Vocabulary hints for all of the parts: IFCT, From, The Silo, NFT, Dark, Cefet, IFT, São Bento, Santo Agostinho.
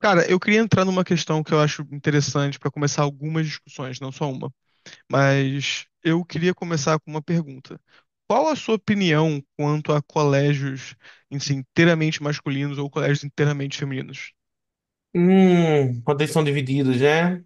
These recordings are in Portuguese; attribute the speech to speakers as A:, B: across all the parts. A: Cara, eu queria entrar numa questão que eu acho interessante para começar algumas discussões, não só uma, mas eu queria começar com uma pergunta. Qual a sua opinião quanto a colégios, assim, inteiramente masculinos ou colégios inteiramente femininos?
B: Quando eles são divididos, né?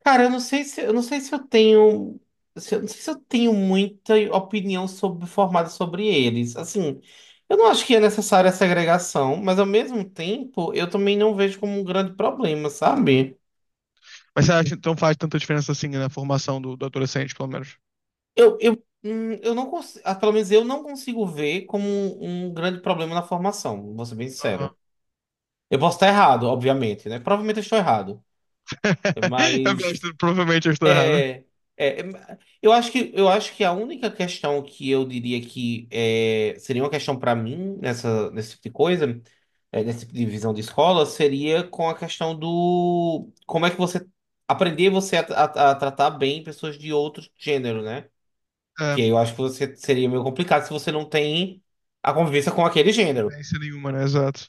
B: Cara, eu não sei se eu tenho muita opinião sobre formada sobre eles. Assim, eu não acho que é necessária a segregação, mas ao mesmo tempo eu também não vejo como um grande problema, sabe?
A: Mas você acha que não faz tanta diferença assim na formação do adolescente, pelo menos?
B: Eu, eu, eu não consigo, pelo menos eu não consigo ver como um grande problema na formação, vou ser bem
A: Aham.
B: sincero. Eu posso estar errado, obviamente, né? Provavelmente eu estou errado,
A: Eu
B: mas
A: gosto, provavelmente eu estou errado.
B: É, é, eu acho que a única questão que eu diria seria uma questão para mim nessa nesse tipo de coisa, nesse tipo de visão de escola, seria com a questão do como é que você aprender você a tratar bem pessoas de outro gênero, né? Que
A: É,
B: aí eu acho que você seria meio complicado se você não tem a convivência com aquele gênero.
A: diferença nenhuma, né? Exato.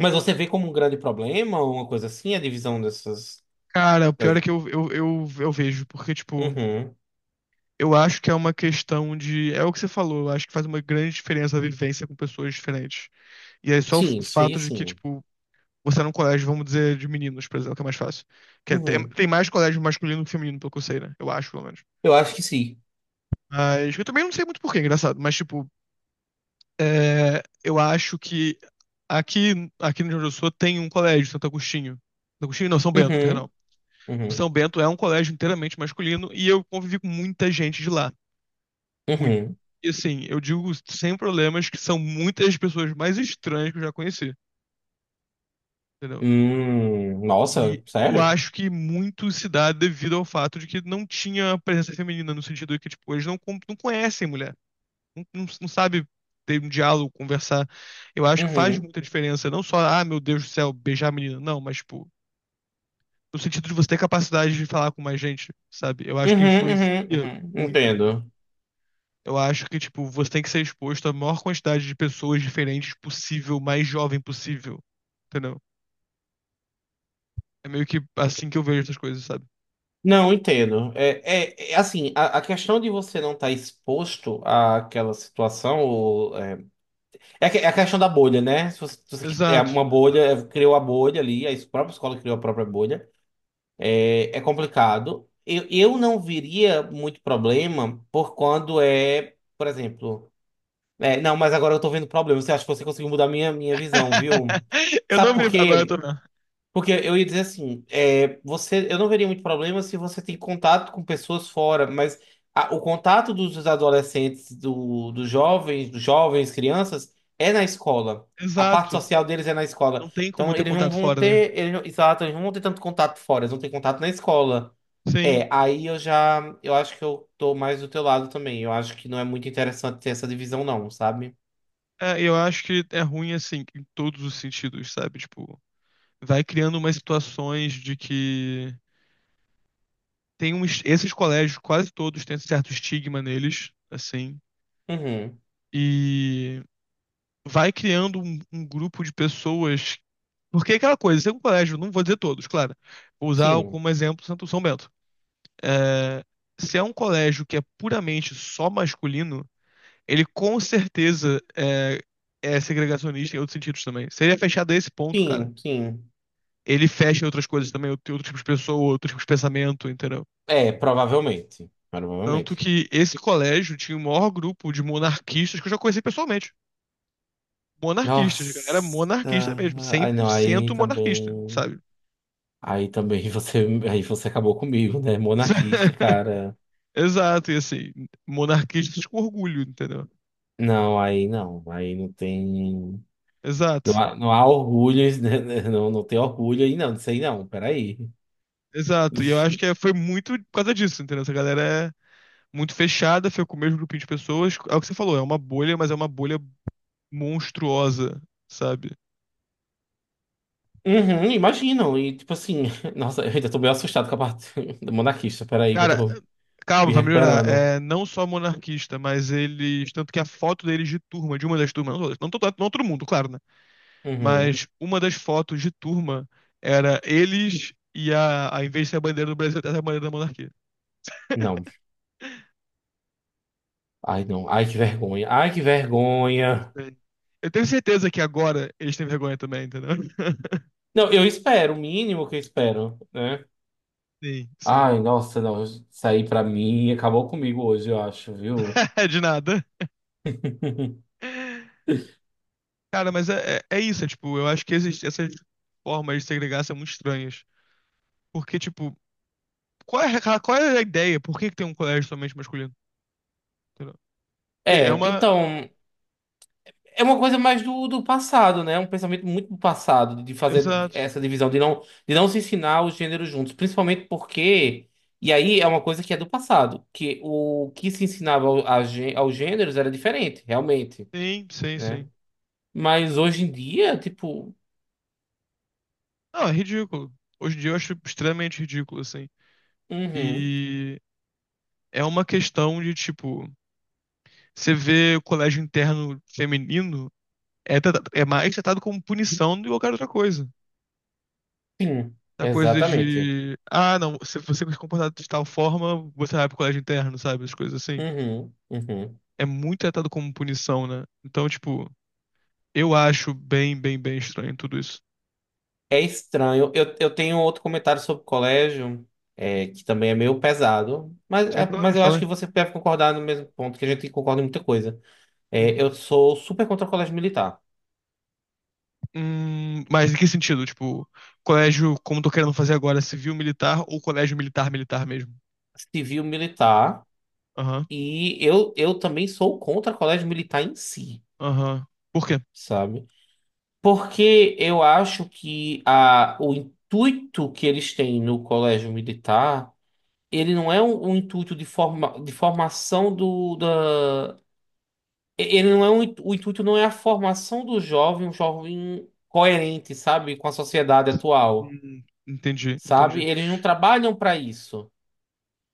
B: Mas você vê como um grande problema, uma coisa assim, a divisão dessas
A: Cara, o pior é
B: das-
A: que eu vejo, porque, tipo,
B: Uhum.
A: eu acho que é uma questão de. É o que você falou, eu acho que faz uma grande diferença a vivência com pessoas diferentes. E aí, só o
B: Sim,
A: o
B: isso aí
A: fato de que,
B: sim.
A: tipo, você é num colégio, vamos dizer, de meninos, por exemplo, que é mais fácil. Tem,
B: Uhum.
A: tem mais colégio masculino que feminino, pelo que eu sei, né? Eu acho, pelo menos.
B: Eu acho que sim.
A: Mas eu também não sei muito porquê, engraçado. Mas, tipo, é, eu acho que aqui no Rio Grande do Sul tem um colégio, Santo Agostinho. Santo Agostinho, não, São Bento, perdão.
B: Uhum, uhum,
A: São Bento é um colégio inteiramente masculino e eu convivi com muita gente de lá. Muito.
B: uhum.
A: E assim, eu digo sem problemas que são muitas das pessoas mais estranhas que eu já conheci, entendeu?
B: Nossa,
A: E eu
B: sério?
A: acho que muito se dá devido ao fato de que não tinha presença feminina, no sentido de que, tipo, eles não, não conhecem mulher, não sabe ter um diálogo, conversar. Eu acho que faz
B: Uhum,
A: muita diferença, não só, ah, meu Deus do céu, beijar a menina, não, mas, tipo, no sentido de você ter capacidade de falar com mais gente, sabe? Eu acho que
B: uhum,
A: influencia
B: uhum, uhum.
A: muito, muito.
B: Entendo.
A: Eu acho que, tipo, você tem que ser exposto à maior quantidade de pessoas diferentes possível, mais jovem possível. Entendeu? É meio que assim que eu vejo essas coisas, sabe?
B: Não, entendo. É assim, a questão de você não estar exposto àquela situação, ou, é a questão da bolha, né? Se você, se você qui- é
A: Exato.
B: uma bolha, é, criou a bolha ali, a própria escola criou a própria bolha. É complicado. Eu não veria muito problema por exemplo. É, não, mas agora eu tô vendo problemas. Você acha que você conseguiu mudar minha visão, viu?
A: Eu
B: Sabe
A: não
B: por
A: vejo. Agora eu tô.
B: quê? Porque eu ia dizer assim, eu não veria muito problema se você tem contato com pessoas fora, mas o contato dos adolescentes, dos jovens, crianças, é na escola. A parte
A: Exato.
B: social deles é na escola.
A: Não tem como
B: Então
A: ter
B: eles não
A: contato
B: vão
A: fora, né?
B: ter, eles não- exato, eles não vão ter tanto contato fora, eles vão ter contato na escola.
A: Sim.
B: É, aí eu já, eu acho que eu tô mais do teu lado também. Eu acho que não é muito interessante ter essa divisão, não, sabe?
A: É, eu acho que é ruim, assim, em todos os sentidos, sabe? Tipo, vai criando umas situações de que tem uns. Esses colégios, quase todos, têm certo estigma neles, assim.
B: Uhum.
A: E vai criando um grupo de pessoas. Porque é aquela coisa, se é um colégio, não vou dizer todos, claro. Vou usar
B: Sim,
A: como exemplo Santo São Bento. É, se é um colégio que é puramente só masculino, ele com certeza é, é segregacionista em outros sentidos também. Seria fechado a esse ponto, cara,
B: sim, sim.
A: ele fecha em outras coisas também, outro tipo de pessoa, outro tipo de pensamento, entendeu?
B: É, provavelmente.
A: Tanto
B: Provavelmente.
A: que esse colégio tinha o maior grupo de monarquistas que eu já conheci pessoalmente. Monarquistas, a galera
B: Nossa.
A: monarquista mesmo, cem
B: Ai,
A: por
B: não, aí
A: cento monarquista,
B: também.
A: sabe?
B: Aí também aí você acabou comigo, né? Monarquista, cara.
A: Exato, e assim, monarquistas com orgulho, entendeu?
B: Não, aí não. Aí não tem. Não
A: Exato,
B: há, não há orgulho, né? Não, não tem orgulho aí, não. Disso aí não, peraí.
A: exato. E eu acho que foi muito por causa disso, entendeu? Essa galera é muito fechada, foi com o mesmo grupinho de pessoas. É o que você falou, é uma bolha, mas é uma bolha monstruosa, sabe?
B: Uhum, imagino. E tipo assim, nossa, eu ainda tô meio assustado com a parte do monarquista. Peraí, que eu
A: Cara,
B: tô
A: calma,
B: me
A: vai melhorar.
B: recuperando.
A: É não só monarquista, mas eles. Tanto que a foto deles de turma, de uma das turmas, não, todas, não, não todo mundo, claro, né?
B: Uhum.
A: Mas uma das fotos de turma era eles e a em vez de ser a bandeira do Brasil, era a bandeira da monarquia.
B: Não. Ai, não. Ai, que vergonha. Ai, que vergonha.
A: Sim. Eu tenho certeza que agora eles têm vergonha também, entendeu?
B: Não, eu espero, o mínimo que eu espero, né?
A: Sim, sim.
B: Ai, nossa, não. Sair pra mim acabou comigo hoje, eu acho, viu?
A: De nada. Cara, mas é, é isso, é, tipo, eu acho que existe essas formas de segregar são muito estranhas. Porque, tipo, qual é, qual é a ideia? Por que que tem um colégio somente masculino? Entendeu? E é
B: É,
A: uma.
B: então, é uma coisa mais do passado, né? Um pensamento muito do passado, de fazer
A: Exato.
B: essa divisão, de não se ensinar os gêneros juntos. Principalmente porque. E aí é uma coisa que é do passado, que o que se ensinava aos gêneros era diferente, realmente,
A: Sim, sim,
B: né?
A: sim.
B: Mas hoje em dia, tipo.
A: Não, é ridículo. Hoje em dia eu acho extremamente ridículo, assim.
B: Uhum.
A: E é uma questão de, tipo, você vê o colégio interno feminino, é, é mais tratado como punição do que qualquer outra coisa.
B: Sim,
A: Da coisa
B: exatamente.
A: de, ah, não, se você se comportar de tal forma, você vai pro colégio interno, sabe? As coisas assim.
B: Uhum, uhum.
A: É muito tratado como punição, né? Então, tipo, eu acho bem estranho tudo isso.
B: É estranho. Eu tenho outro comentário sobre o colégio, que também é meio pesado, mas,
A: Sem
B: é-
A: problema
B: mas
A: de
B: eu acho
A: falar.
B: que você deve concordar no mesmo ponto, que a gente concorda em muita coisa.
A: Hum.
B: É, eu sou super contra o colégio militar,
A: Mas em que sentido? Tipo, colégio, como tô querendo fazer agora, civil militar ou colégio militar militar mesmo?
B: civil militar,
A: Aham,
B: e eu também sou contra o colégio militar em si,
A: aham. Por quê?
B: sabe? Porque eu acho que o intuito que eles têm no colégio militar. Ele não é um intuito de formação ele não é um, o intuito não é a formação do jovem, um jovem coerente, sabe, com a sociedade atual,
A: Entendi,
B: sabe?
A: entendi.
B: Eles não trabalham para isso.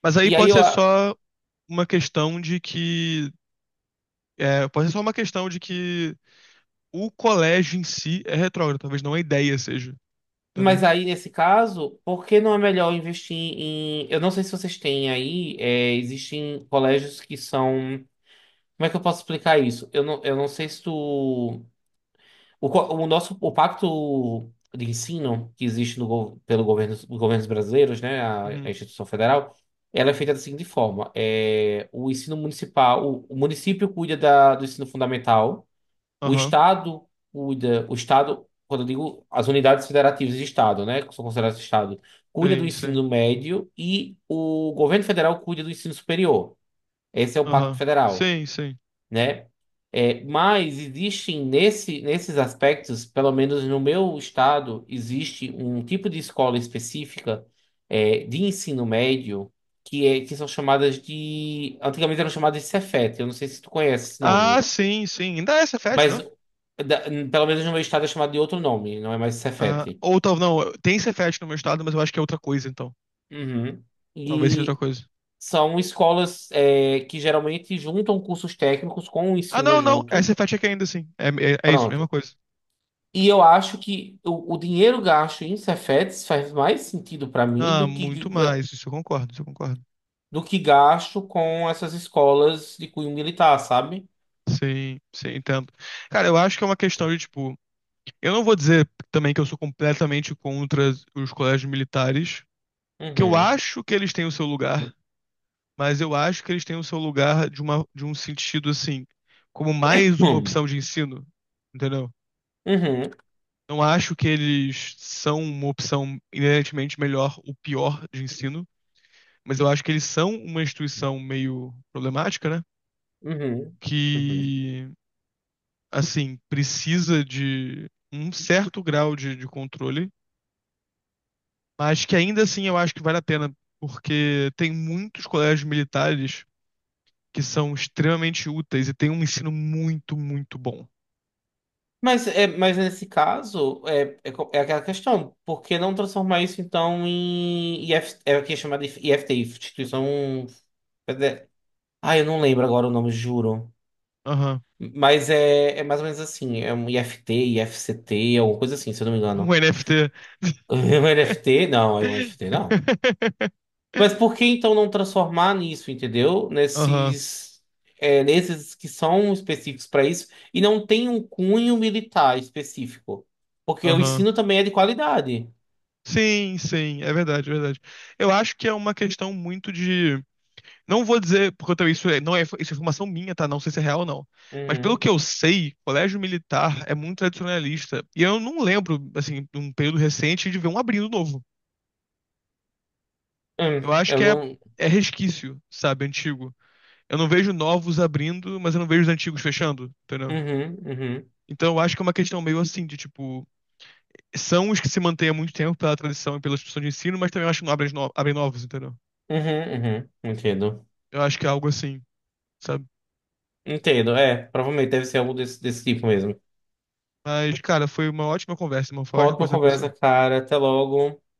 A: Mas aí
B: E aí
A: pode
B: eu,
A: ser
B: a-
A: só uma questão de que é, pode ser só uma questão de que o colégio em si é retrógrado, talvez não a ideia seja,
B: mas
A: entendeu?
B: aí nesse caso, por que não é melhor investir em eu não sei se vocês têm aí, existem colégios que são. Como é que eu posso explicar isso? Eu não sei se tu. O, co- o nosso o pacto de ensino que existe no, gov- pelo governo, os governos brasileiros, né, a
A: Uhum.
B: instituição federal, ela é feita da seguinte forma: o ensino municipal, o município cuida do ensino fundamental, o
A: Aham.
B: estado cuida, o estado, quando eu digo as unidades federativas de estado, né, que são consideradas estado, cuida do
A: Sim, sim.
B: ensino médio e o governo federal cuida do ensino superior. Esse é o pacto
A: Aham.
B: federal,
A: Sim, sim.
B: né? Mas existem nesses aspectos, pelo menos no meu estado, existe um tipo de escola específica, de ensino médio que são chamadas de. Antigamente eram chamadas de Cefet, eu não sei se tu conhece esse
A: Ah,
B: nome,
A: sim, sim. Ainda é Cefet, não
B: mas
A: é?
B: da- pelo menos no meu estado é chamado de outro nome, não é mais
A: Ah,
B: Cefet.
A: ou talvez não, tem Cefet no meu estado, mas eu acho que é outra coisa, então.
B: Uhum.
A: Talvez seja outra
B: E
A: coisa.
B: são escolas, que geralmente juntam cursos técnicos com o
A: Ah,
B: ensino
A: não, não.
B: junto.
A: É Cefet aqui ainda, sim. É, é isso, mesma
B: Pronto.
A: coisa.
B: E eu acho que o dinheiro gasto em Cefetes faz mais sentido para mim
A: Ah,
B: do que,
A: muito
B: ga-
A: mais. Isso eu concordo, isso eu concordo.
B: do que gasto com essas escolas de cunho militar, sabe?
A: Sim, sim, entendo. Cara, eu acho que é uma questão de, tipo, eu não vou dizer também que eu sou completamente contra os colégios militares, que eu
B: Uhum.
A: acho que eles têm o seu lugar, mas eu acho que eles têm o seu lugar de uma, de um sentido assim, como mais uma
B: Hum.
A: opção de ensino, entendeu?
B: Uhum.
A: Não acho que eles são uma opção inerentemente melhor ou pior de ensino, mas eu acho que eles são uma instituição meio problemática, né?
B: Uhum. Uhum.
A: Que, assim, precisa de um certo grau de controle. Mas que ainda assim eu acho que vale a pena, porque tem muitos colégios militares que são extremamente úteis e tem um ensino muito, muito bom.
B: Mas nesse caso, é aquela questão, por que não transformar isso então em IF, é o que é chamado de IFT, instituição Fede- Ah, eu não lembro agora o nome, juro.
A: Aham.
B: Mas é mais ou menos assim, é um IFT, IFCT, alguma coisa assim, se eu não me
A: Um
B: engano.
A: NFT.
B: Um NFT? Não, é um NFT não. Mas por que então não transformar nisso, entendeu?
A: Aham,
B: Nesses que são específicos para isso e não tem um cunho militar específico. Porque o
A: aham.
B: ensino também é de qualidade.
A: Sim, sim, é verdade, é verdade. Eu acho que é uma questão muito de. Não vou dizer, porque eu também isso não é, isso é informação minha, tá? Não sei se é real ou não. Mas pelo
B: Uhum.
A: que eu sei, colégio militar é muito tradicionalista. E eu não lembro, assim, de um período recente de ver um abrindo novo.
B: Hum,
A: Eu acho
B: eu
A: que é,
B: não.
A: é resquício, sabe, antigo. Eu não vejo novos abrindo, mas eu não vejo os antigos fechando, entendeu?
B: Uhum, uhum,
A: Então eu acho que é uma questão meio assim, de tipo, são os que se mantêm há muito tempo pela tradição e pela instituição de ensino, mas também eu acho que não abrem, abrem novos, entendeu?
B: uhum, uhum. Entendo.
A: Eu acho que é algo assim, sabe?
B: Entendo, é. Provavelmente deve ser algo desse tipo mesmo.
A: Mas, cara, foi uma ótima conversa, irmão. Foi
B: Uma
A: ótimo
B: ótima
A: conversar com você.
B: conversa, cara. Até logo.